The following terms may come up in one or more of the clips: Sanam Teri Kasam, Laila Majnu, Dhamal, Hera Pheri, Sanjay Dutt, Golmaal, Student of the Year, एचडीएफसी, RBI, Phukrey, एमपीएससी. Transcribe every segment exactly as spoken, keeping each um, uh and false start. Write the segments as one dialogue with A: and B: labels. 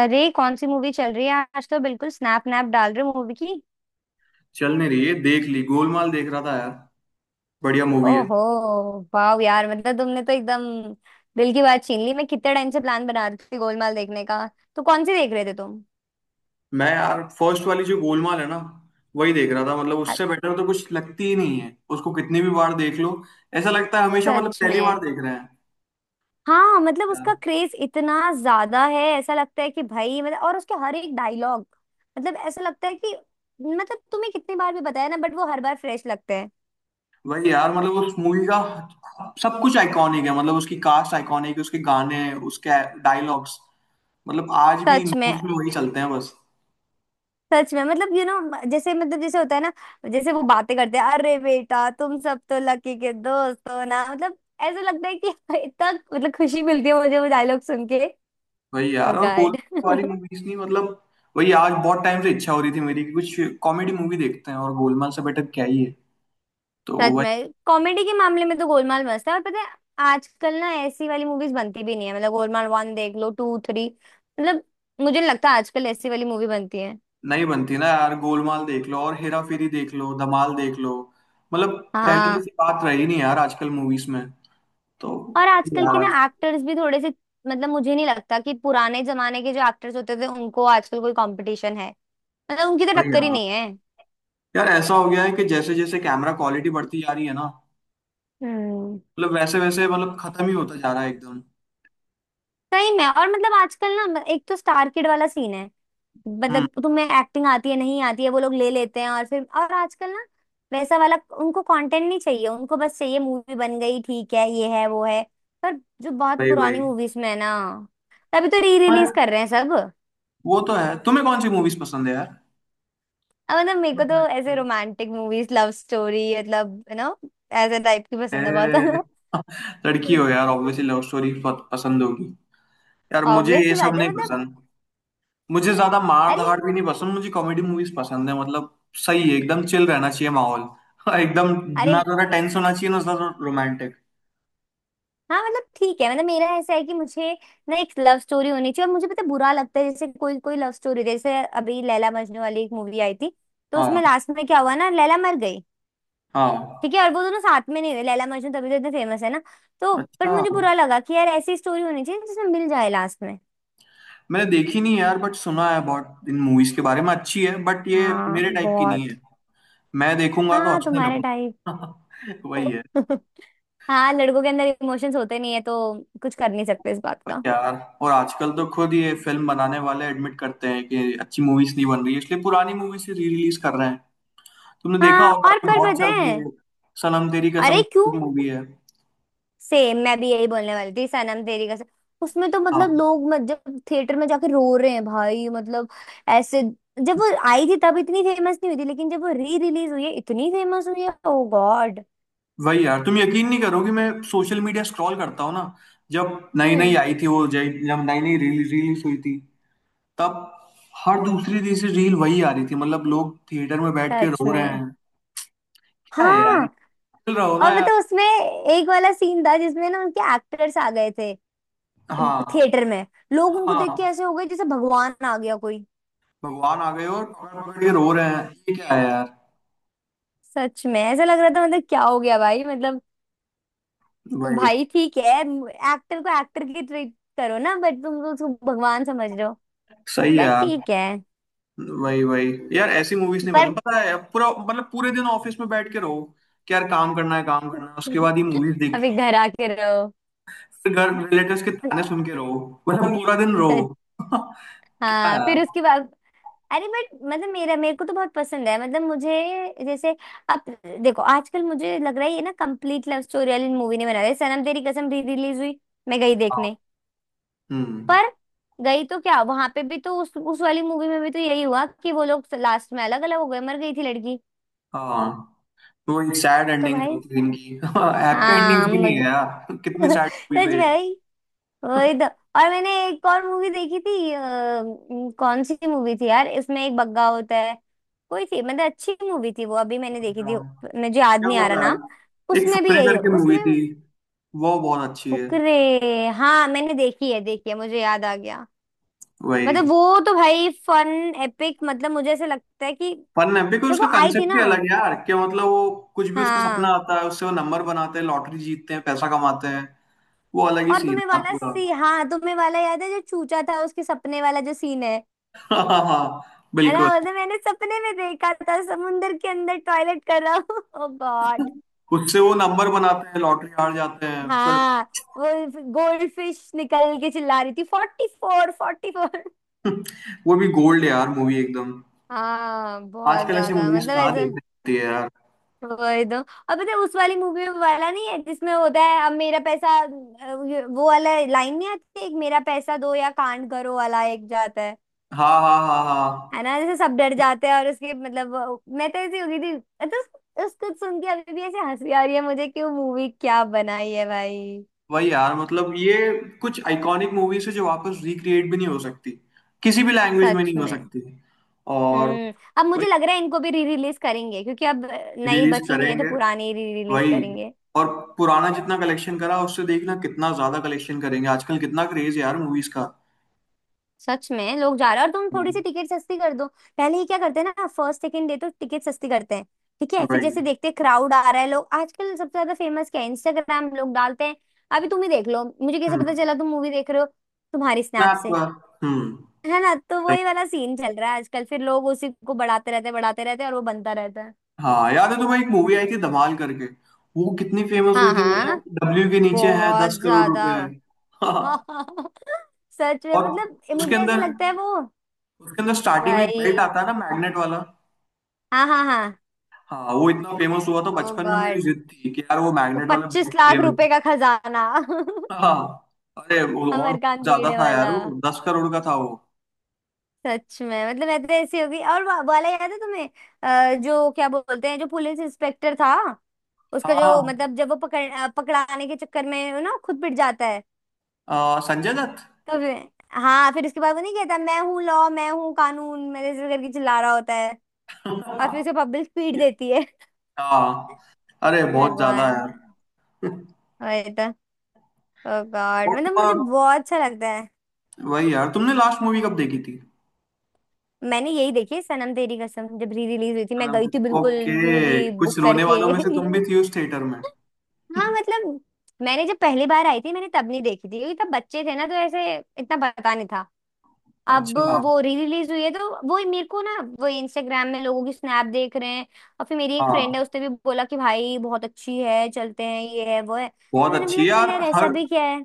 A: अरे कौन सी मूवी चल रही है? आज तो बिल्कुल स्नैप नैप डाल रहे हो मूवी की।
B: चल नहीं रही है, देख ली। गोलमाल देख रहा था यार, बढ़िया मूवी है।
A: ओहो, वाह यार! मतलब तुमने तो एकदम दिल की बात छीन ली। मैं कितने टाइम से प्लान बना रही थी गोलमाल देखने का। तो कौन सी देख रहे थे तुम?
B: मैं यार फर्स्ट वाली जो गोलमाल है ना, वही देख रहा था। मतलब
A: अ-
B: उससे बेटर तो कुछ लगती ही नहीं है, उसको कितनी भी बार देख लो, ऐसा लगता है हमेशा मतलब
A: सच
B: पहली बार
A: में?
B: देख रहे हैं
A: हाँ, मतलब
B: यार।
A: उसका क्रेज इतना ज्यादा है, ऐसा लगता है कि भाई, मतलब और उसके हर एक डायलॉग, मतलब ऐसा लगता है कि मतलब तुम्हें कितनी बार भी बताया ना, बट वो हर बार फ्रेश लगते हैं।
B: वही यार, मतलब उस मूवी का सब कुछ आइकॉनिक है। मतलब उसकी कास्ट आइकॉनिक है, उसके गाने, उसके डायलॉग्स, मतलब आज भी
A: सच में,
B: न्यूज में वही चलते हैं बस।
A: सच में। मतलब यू नो, जैसे मतलब जैसे होता है ना, जैसे वो बातें करते हैं, अरे बेटा तुम सब तो लकी के दोस्त हो ना, मतलब ऐसा लगता है कि इतना मतलब खुशी मिलती है मुझे वो डायलॉग सुन के।
B: वही
A: ओ
B: यार, और
A: गॉड!
B: गोलमाल वाली मूवीज नहीं, मतलब वही। आज बहुत टाइम से इच्छा हो रही थी मेरी कि कुछ कॉमेडी मूवी देखते हैं, और गोलमाल से बेटर क्या ही है, तो
A: सच
B: वही।
A: में कॉमेडी के मामले में तो गोलमाल मस्त है। और पता है, आजकल ना ऐसी वाली मूवीज बनती भी नहीं है। मतलब गोलमाल वन देख लो, टू, थ्री। मतलब मुझे नहीं लगता आजकल ऐसी वाली मूवी बनती है।
B: नहीं बनती ना यार। गोलमाल देख लो और हेरा फेरी देख लो, धमाल देख लो। मतलब पहले
A: हाँ,
B: जैसी बात रही नहीं यार आजकल मूवीज में, तो
A: और
B: वही
A: आजकल के
B: यार।
A: ना एक्टर्स भी थोड़े से, मतलब मुझे नहीं लगता कि पुराने जमाने के जो एक्टर्स होते थे उनको आजकल कोई कंपटीशन है। मतलब उनकी तो
B: वही
A: टक्कर ही नहीं
B: यार,
A: है।
B: यार ऐसा हो गया है कि जैसे जैसे कैमरा क्वालिटी बढ़ती जा रही है ना,
A: हम्म।
B: मतलब वैसे वैसे मतलब खत्म ही होता जा रहा है एकदम।
A: सही में। और मतलब आजकल ना म- एक तो स्टार किड वाला सीन है।
B: हम्म,
A: मतलब तुम्हें एक्टिंग आती है नहीं आती है, वो लोग ले लेते हैं। और फिर और आजकल ना वैसा वाला, उनको कंटेंट नहीं चाहिए। उनको बस चाहिए मूवी बन गई, ठीक है, ये है वो है। पर जो बहुत
B: वही
A: पुरानी
B: वही।
A: मूवीज में है ना, तभी तो री रिलीज
B: पर
A: कर रहे हैं सब।
B: वो तो है, तुम्हें कौन सी मूवीज पसंद है यार?
A: अब मतलब मेरे को तो ऐसे रोमांटिक मूवीज, लव स्टोरी, मतलब यू नो, ऐसे टाइप की पसंद है बहुत। है
B: ए,
A: ना?
B: लड़की हो यार, ऑब्वियसली लव स्टोरी पसंद होगी। यार मुझे
A: ऑब्वियस
B: ये
A: सी
B: सब
A: बात है
B: नहीं
A: मतलब
B: पसंद। मुझे ज्यादा मार
A: अरे,
B: धाड़ भी नहीं पसंद, मुझे कॉमेडी मूवीज पसंद है मतलब। सही है, एकदम चिल रहना चाहिए माहौल। एकदम
A: अरे,
B: ना ज्यादा टेंस होना चाहिए ना ज्यादा रोमांटिक।
A: हाँ मतलब ठीक है मतलब मेरा ऐसा है कि मुझे ना एक लव स्टोरी होनी चाहिए। और मुझे पता है, बुरा लगता है जैसे कोई कोई लव स्टोरी, जैसे अभी लैला मजनू वाली एक मूवी आई थी, तो
B: हाँ।
A: उसमें लास्ट में क्या हुआ ना, लैला मर गई।
B: हाँ।
A: ठीक है, और वो दोनों साथ में नहीं हुए। लैला मजनू तभी तो इतने फेमस है ना। तो पर
B: अच्छा,
A: मुझे बुरा लगा कि यार ऐसी स्टोरी होनी चाहिए जिसमें मिल जाए लास्ट में।
B: मैंने देखी नहीं है यार, बट सुना है बहुत इन मूवीज के बारे में, अच्छी है बट ये
A: हाँ,
B: मेरे टाइप की
A: बहुत।
B: नहीं है। मैं देखूंगा तो
A: हाँ,
B: हंसने
A: तुम्हारे टाइप।
B: लगूंगा। वही है।
A: हाँ, लड़कों के अंदर इमोशंस होते नहीं है, तो कुछ कर नहीं सकते इस बात
B: पर
A: का।
B: यार, और आजकल तो खुद ये फिल्म बनाने वाले एडमिट करते हैं कि अच्छी मूवीज नहीं बन रही है, इसलिए पुरानी मूवीज ही री रिलीज कर रहे हैं। तुमने देखा
A: हाँ,
B: होगा,
A: और
B: अभी
A: पर
B: बहुत
A: पता
B: चल
A: है,
B: रही है सनम तेरी
A: अरे
B: कसम
A: क्यों?
B: मूवी है।
A: सेम, मैं भी यही बोलने वाली थी, सनम तेरी कसम। उसमें तो मतलब
B: हाँ,
A: लोग मत, जब थिएटर में जाके रो रहे हैं भाई मतलब ऐसे, जब वो आई थी तब इतनी फेमस नहीं हुई थी, लेकिन जब वो री रिलीज हुई है इतनी फेमस हुई है। Oh God!
B: वही यार। तुम यकीन नहीं करोगे, मैं सोशल मीडिया स्क्रॉल करता हूँ ना, जब नई नई
A: हम्म।
B: आई थी वो, जय जब नई नई रिलीज रिलीज हुई थी, तब हर दूसरी तीसरी रील वही आ रही थी। मतलब लोग थिएटर में बैठ के
A: सच
B: रो रहे
A: में।
B: हैं। क्या है यार,
A: हाँ
B: खेल रहो ना
A: और
B: यार।
A: मतलब उसमें एक वाला सीन था जिसमें ना उनके एक्टर्स आ गए थे
B: हाँ।
A: थिएटर में। लोग उनको देख के
B: हाँ,
A: ऐसे हो गए जैसे भगवान आ गया कोई।
B: भगवान आ गए और पकड़ पकड़ के रो रहे हैं। ये क्या है यार।
A: सच में ऐसा लग रहा था मतलब क्या हो गया भाई मतलब
B: वही,
A: भाई ठीक है, एक्टर को एक्टर की ट्रीट करो ना, बट तुम तो उसको भगवान समझ रहे हो।
B: सही है
A: बट
B: यार।
A: ठीक है।
B: वही वही यार, ऐसी मूवीज नहीं
A: पर
B: पसंद। पता है, पूरा मतलब पूरे दिन ऑफिस में बैठ के रहो कि यार काम करना है काम करना है, उसके बाद ये मूवीज देख के
A: अभी
B: रहो,
A: घर आके रहो।
B: फिर घर रिलेटिव्स के ताने सुन के रहो, मतलब पूरा दिन
A: सच।
B: रहो। क्या
A: हाँ,
B: यार।
A: फिर उसके बाद अरे बट मतलब मेरा मेरे को तो बहुत पसंद है मतलब मुझे, जैसे, अब देखो, आजकल मुझे लग रहा है ये ना कंप्लीट लव स्टोरी वाली मूवी नहीं बना रहे। सनम तेरी कसम री रिलीज हुई, मैं गई
B: हाँ।
A: देखने।
B: हम्म।
A: पर गई तो क्या, वहां पे भी तो उस उस वाली मूवी में भी तो यही हुआ कि वो लोग लास्ट में अलग अलग हो गए, मर गई थी लड़की।
B: हाँ, वो एक सैड
A: तो
B: एंडिंग
A: भाई,
B: होती है इनकी। हैप्पी एंडिंग्स
A: हाँ
B: भी नहीं है
A: मुझे
B: यार, कितनी सैड मूवीज है
A: सच में
B: ये।
A: भाई, वही तो। और मैंने एक और मूवी देखी थी, अ, म, कौन सी मूवी थी यार, इसमें एक बग्गा होता है, कोई थी मतलब अच्छी मूवी थी वो, अभी मैंने देखी थी, मुझे याद
B: क्या
A: नहीं आ रहा
B: पता
A: नाम।
B: यार। एक
A: उसमें भी
B: फुकरे
A: यही हो
B: करके मूवी
A: उसमें।
B: थी, वो बहुत अच्छी है।
A: फुकरे! हाँ मैंने देखी है, देखी है, मुझे याद आ गया। मतलब
B: वही,
A: वो तो भाई फन, एपिक! मतलब मुझे ऐसा लगता है कि
B: फन है बिकॉज
A: जब
B: उसका
A: वो आई थी
B: कंसेप्ट
A: ना।
B: ही अलग है यार। क्या मतलब वो, कुछ भी उसको सपना
A: हाँ,
B: आता है, उससे वो नंबर बनाते हैं, लॉटरी जीतते हैं, पैसा कमाते हैं। वो अलग ही
A: और
B: सीन
A: तुम्हें
B: है यार
A: वाला
B: पूरा।
A: सी हाँ, तुम्हें वाला याद है जो चूचा था, उसके सपने वाला जो सीन है,
B: हाँ हाँ हाँ,
A: अरे
B: बिल्कुल।
A: बोलते मैंने सपने में देखा था समुंदर के अंदर टॉयलेट कर रहा हूँ। ओ गॉड!
B: उससे वो नंबर बनाते हैं, लॉटरी हार जाते हैं फिर।
A: हाँ वो गोल्ड फिश निकल के चिल्ला रही थी, फोर्टी फोर फोर्टी फोर।
B: वो भी गोल्ड यार, मूवी एकदम।
A: हाँ बहुत
B: आजकल ऐसी
A: ज्यादा,
B: मूवीज
A: मतलब
B: कहाँ
A: ऐसा।
B: देखने मिलती है यार।
A: वही तो। अब पता है उस वाली मूवी में वाला नहीं है जिसमें होता है, अब मेरा पैसा, अ, ये- वो वाला लाइन नहीं आती एक, मेरा पैसा दो या कांड करो वाला एक जाता है
B: हाँ हाँ हाँ हाँ।
A: है ना, जैसे सब डर जाते हैं। और उसकी मतलब वो- मैं तो ऐसी हो गई थी। तो उस- उसको सुन के अभी भी ऐसे हंसी आ रही है मुझे कि वो मूवी क्या बनाई है भाई।
B: वही यार, मतलब ये कुछ आइकॉनिक मूवीज है जो वापस रिक्रिएट भी नहीं हो सकती, किसी भी लैंग्वेज में
A: सच
B: नहीं हो
A: में।
B: सकती। और
A: हम्म। अब
B: वही,
A: मुझे लग रहा है इनको भी री रिलीज करेंगे, क्योंकि अब नई
B: रिलीज
A: बची नहीं है, तो
B: करेंगे।
A: पुरानी री रिलीज
B: वही,
A: करेंगे।
B: और पुराना जितना कलेक्शन करा, उससे देखना कितना ज्यादा कलेक्शन करेंगे। आजकल कितना क्रेज है यार मूवीज का।
A: सच में लोग जा रहे हैं, और तुम थोड़ी सी
B: हम्म,
A: टिकट सस्ती कर दो। पहले ये क्या करते हैं ना, फर्स्ट सेकंड डे तो टिकट सस्ती करते हैं। ठीक है, फिर
B: वही।
A: जैसे देखते हैं क्राउड आ रहा है, लोग आजकल सबसे ज्यादा फेमस क्या है, इंस्टाग्राम लोग डालते हैं। अभी तुम ही देख लो, मुझे कैसे
B: हम्म,
A: पता चला तुम मूवी देख रहे हो, तुम्हारी
B: मैं
A: स्नैप से।
B: आपका। हम्म,
A: है ना, तो
B: वही।
A: वही वाला सीन चल रहा है आजकल। फिर लोग उसी को बढ़ाते रहते हैं, बढ़ाते रहते हैं, और वो बनता रहता है।
B: हाँ याद है तुम्हें, एक मूवी आई थी धमाल करके, वो कितनी फेमस हुई
A: हाँ
B: थी।
A: हाँ,
B: मतलब डब्ल्यू के नीचे है दस
A: बहुत
B: करोड़
A: ज्यादा।
B: रुपए है। हाँ,
A: सच में
B: और
A: मतलब ए,
B: उसके
A: मुझे ऐसे
B: अंदर,
A: लगता है वो,
B: उसके अंदर स्टार्टिंग में एक बेल्ट
A: भाई
B: आता है ना, मैग्नेट वाला।
A: हाँ हाँ हाँ।
B: हाँ, वो इतना फेमस हुआ तो
A: ओ
B: बचपन में मेरी
A: गॉड,
B: जिद थी कि यार वो
A: वो
B: मैग्नेट वाला
A: पच्चीस
B: बेल्ट चाहिए
A: लाख
B: मेरे को।
A: रुपए का खजाना।
B: हाँ, अरे वो और बहुत
A: अमरकांत
B: ज्यादा
A: भिड़े
B: था यार,
A: वाला!
B: वो दस करोड़ का था वो।
A: सच में मतलब मैं तो ऐसी होगी। और वा- वाला याद है तुम्हें, अ, जो क्या बोलते हैं जो पुलिस इंस्पेक्टर था, उसका जो
B: हाँ,
A: मतलब जब वो पकड़ अ, पकड़ाने के चक्कर में ना खुद पिट जाता है,
B: अ, संजय दत्त।
A: तो फिर- हाँ, फिर उसके बाद वो नहीं कहता, मैं हूँ लॉ, मैं हूँ कानून, मेरे से करके चिल्ला रहा होता है, और फिर उसे पब्लिक पीट देती है।
B: हाँ, अरे
A: हे
B: बहुत ज्यादा यार।
A: भगवान! वही तो। ओ गॉड
B: और
A: मतलब मुझे
B: तुम्हारा,
A: बहुत अच्छा लगता है।
B: वही यार, तुमने लास्ट मूवी कब देखी थी?
A: मैंने यही देखी, सनम तेरी कसम, जब री रिलीज हुई थी, मैं गई थी बिल्कुल
B: ओके,
A: मूवी
B: कुछ
A: बुक
B: रोने
A: करके।
B: वालों में से तुम भी थी उस थिएटर में।
A: हाँ मतलब मैंने जब पहली बार आई थी, मैंने तब नहीं देखी थी, क्योंकि तब बच्चे थे ना, तो ऐसे इतना पता नहीं था। अब
B: अच्छा।
A: वो री रिलीज हुई है तो वो मेरे को ना, वो इंस्टाग्राम में लोगों की स्नैप देख रहे हैं, और फिर मेरी एक
B: हाँ
A: फ्रेंड है, उसने भी बोला कि भाई बहुत अच्छी है, चलते हैं ये है वो है, तो
B: बहुत
A: मैंने बोला
B: अच्छी
A: चल
B: यार।
A: यार ऐसा
B: हर
A: भी क्या है।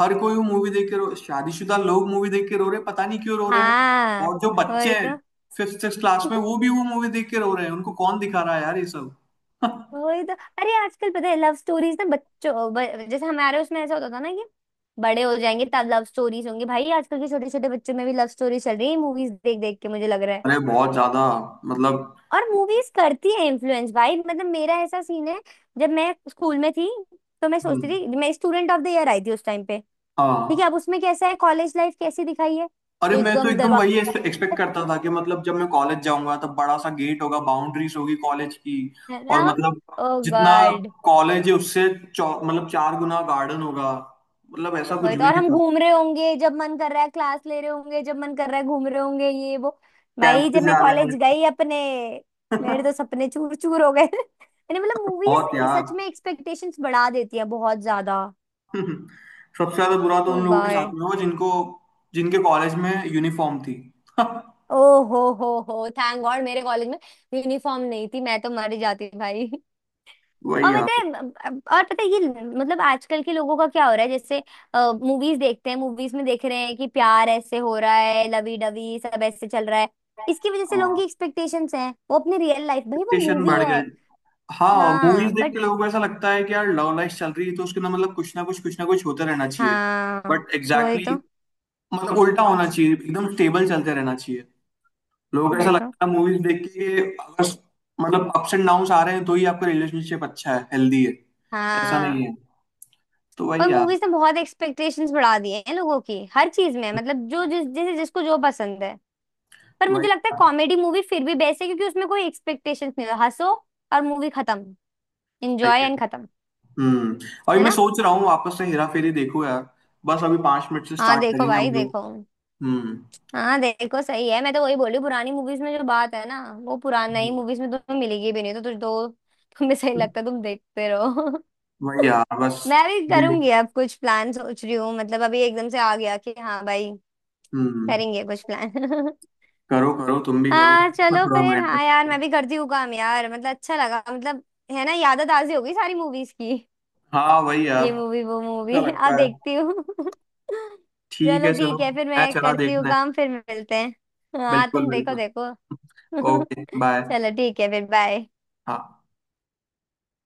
B: हर कोई मूवी देख के रो, शादीशुदा लोग मूवी देख के रो रहे हैं, पता नहीं क्यों रो रहे हैं।
A: हाँ,
B: और जो बच्चे
A: वही
B: हैं,
A: तो।
B: फिफ्थ सिक्स क्लास में, वो भी वो मूवी देख के रो रहे हैं, उनको कौन दिखा रहा है यार ये सब। अरे
A: वही तो। अरे आजकल पता है, लव स्टोरीज ना बच्चों, ब- जैसे हमारे उसमें ऐसा होता था ना कि बड़े हो जाएंगे तब लव स्टोरीज होंगी। भाई आजकल के छोटे छोटे बच्चों में भी लव स्टोरी चल रही है, मूवीज देख देख के, मुझे लग रहा है।
B: बहुत ज्यादा मतलब।
A: और मूवीज करती है इन्फ्लुएंस भाई। मतलब मेरा ऐसा सीन है, जब मैं स्कूल में थी, तो मैं सोचती
B: हम्म,
A: थी, मैं, स्टूडेंट ऑफ द ईयर आई थी उस टाइम पे। ठीक
B: हाँ।
A: है, अब उसमें कैसा है कॉलेज लाइफ कैसी दिखाई है।
B: अरे मैं तो
A: एकदम
B: एकदम वही
A: दरवाजा,
B: एक्सपेक्ट करता था कि मतलब जब मैं कॉलेज जाऊंगा, तब बड़ा सा गेट होगा, बाउंड्रीज होगी कॉलेज की,
A: है ना।
B: और मतलब
A: ओ
B: जितना
A: गॉड!
B: कॉलेज है, उससे चौ, मतलब चार गुना गार्डन होगा। मतलब ऐसा कुछ
A: वही तो,
B: भी
A: और
B: नहीं
A: हम
B: था,
A: घूम रहे होंगे जब मन कर रहा है, क्लास ले रहे होंगे जब मन कर रहा है, घूम रहे होंगे ये वो। भाई
B: कैंपस
A: जब मैं
B: जा रहे
A: कॉलेज
B: हैं।
A: गई अपने, मेरे तो सपने चूर चूर हो गए। मैंने मतलब मूवीज,
B: बहुत यार।
A: सच में एक्सपेक्टेशंस बढ़ा देती है बहुत ज्यादा।
B: सबसे ज्यादा बुरा तो
A: ओ
B: उन लोगों के साथ
A: गॉड!
B: में हुआ, जिनको, जिनके कॉलेज में यूनिफॉर्म थी।
A: ओ हो हो हो थैंक गॉड मेरे कॉलेज में यूनिफॉर्म नहीं थी, मैं तो मर ही जाती भाई।
B: वही
A: और
B: यार।
A: पता है, और पता है ये मतलब आजकल के लोगों का क्या हो रहा है, जैसे मूवीज देखते हैं, मूवीज में देख रहे हैं कि प्यार ऐसे हो रहा है, लवी डवी सब ऐसे चल रहा है, इसकी वजह से लोगों
B: हाँ,
A: की एक्सपेक्टेशंस हैं, वो अपनी रियल लाइफ, भाई वो
B: expectation
A: मूवी
B: बढ़
A: है।
B: गए। हाँ,
A: हाँ
B: मूवीज देख
A: बट,
B: के लोगों को ऐसा लगता है कि यार लव लाइफ चल रही है तो उसके अंदर मतलब कुछ ना कुछ कुछ ना कुछ होता रहना चाहिए।
A: हाँ,
B: बट
A: वही
B: एग्जैक्टली
A: तो,
B: exactly, मतलब उल्टा होना चाहिए, एकदम स्टेबल चलते रहना चाहिए। लोगों को
A: वही
B: ऐसा
A: तो।
B: लगता है मूवीज देख के अगर मतलब अप्स एंड डाउन्स आ रहे हैं तो ही आपका रिलेशनशिप अच्छा है, हेल्दी है। ऐसा नहीं
A: हाँ
B: है। तो
A: पर
B: वही यार,
A: मूवीज ने बहुत एक्सपेक्टेशंस बढ़ा दिए हैं लोगों की, हर चीज में मतलब जो जिस जैसे जिसको जो पसंद है। पर
B: वही।
A: मुझे लगता है कॉमेडी मूवी फिर भी बेस्ट है, क्योंकि उसमें कोई एक्सपेक्टेशंस नहीं होता, हंसो और मूवी खत्म, एंजॉय
B: सही है।
A: एंड खत्म।
B: हम्म, अभी
A: है
B: मैं
A: ना?
B: सोच रहा हूँ वापस से हेरा फेरी देखो यार, बस अभी पांच मिनट से
A: हाँ
B: स्टार्ट
A: देखो
B: करेंगे
A: भाई,
B: हम लोग।
A: देखो।
B: हम्म,
A: हाँ देखो सही है, मैं तो वही बोली, पुरानी मूवीज में जो बात है ना, वो पुरानी नई मूवीज में तुम्हें मिलेगी भी नहीं, तो तुझ दो, तुम्हें सही लगता है, तुम देखते रहो।
B: वही यार बस।
A: मैं भी
B: देख।
A: करूंगी अब, कुछ प्लान सोच रही हूँ, मतलब अभी एकदम से आ गया कि हाँ भाई
B: हम्म।
A: करेंगे कुछ प्लान।
B: करो करो, तुम भी करो
A: हाँ
B: अपना
A: चलो
B: थोड़ा
A: फिर,
B: माइंड।
A: हाँ यार, मैं भी करती हूँ काम यार। मतलब अच्छा लगा मतलब है ना, यादें ताज़ी हो गई सारी मूवीज की,
B: हाँ वही यार,
A: ये मूवी वो
B: अच्छा
A: मूवी। अब
B: लगता है।
A: देखती हूँ।
B: ठीक
A: चलो
B: है चलो,
A: ठीक है फिर,
B: मैं
A: मैं
B: चला,
A: करती हूँ
B: देखना है।
A: काम, फिर मिलते हैं। हाँ
B: बिल्कुल
A: तुम देखो,
B: बिल्कुल।
A: देखो।
B: Okay bye.
A: चलो ठीक है फिर, बाय।
B: हाँ।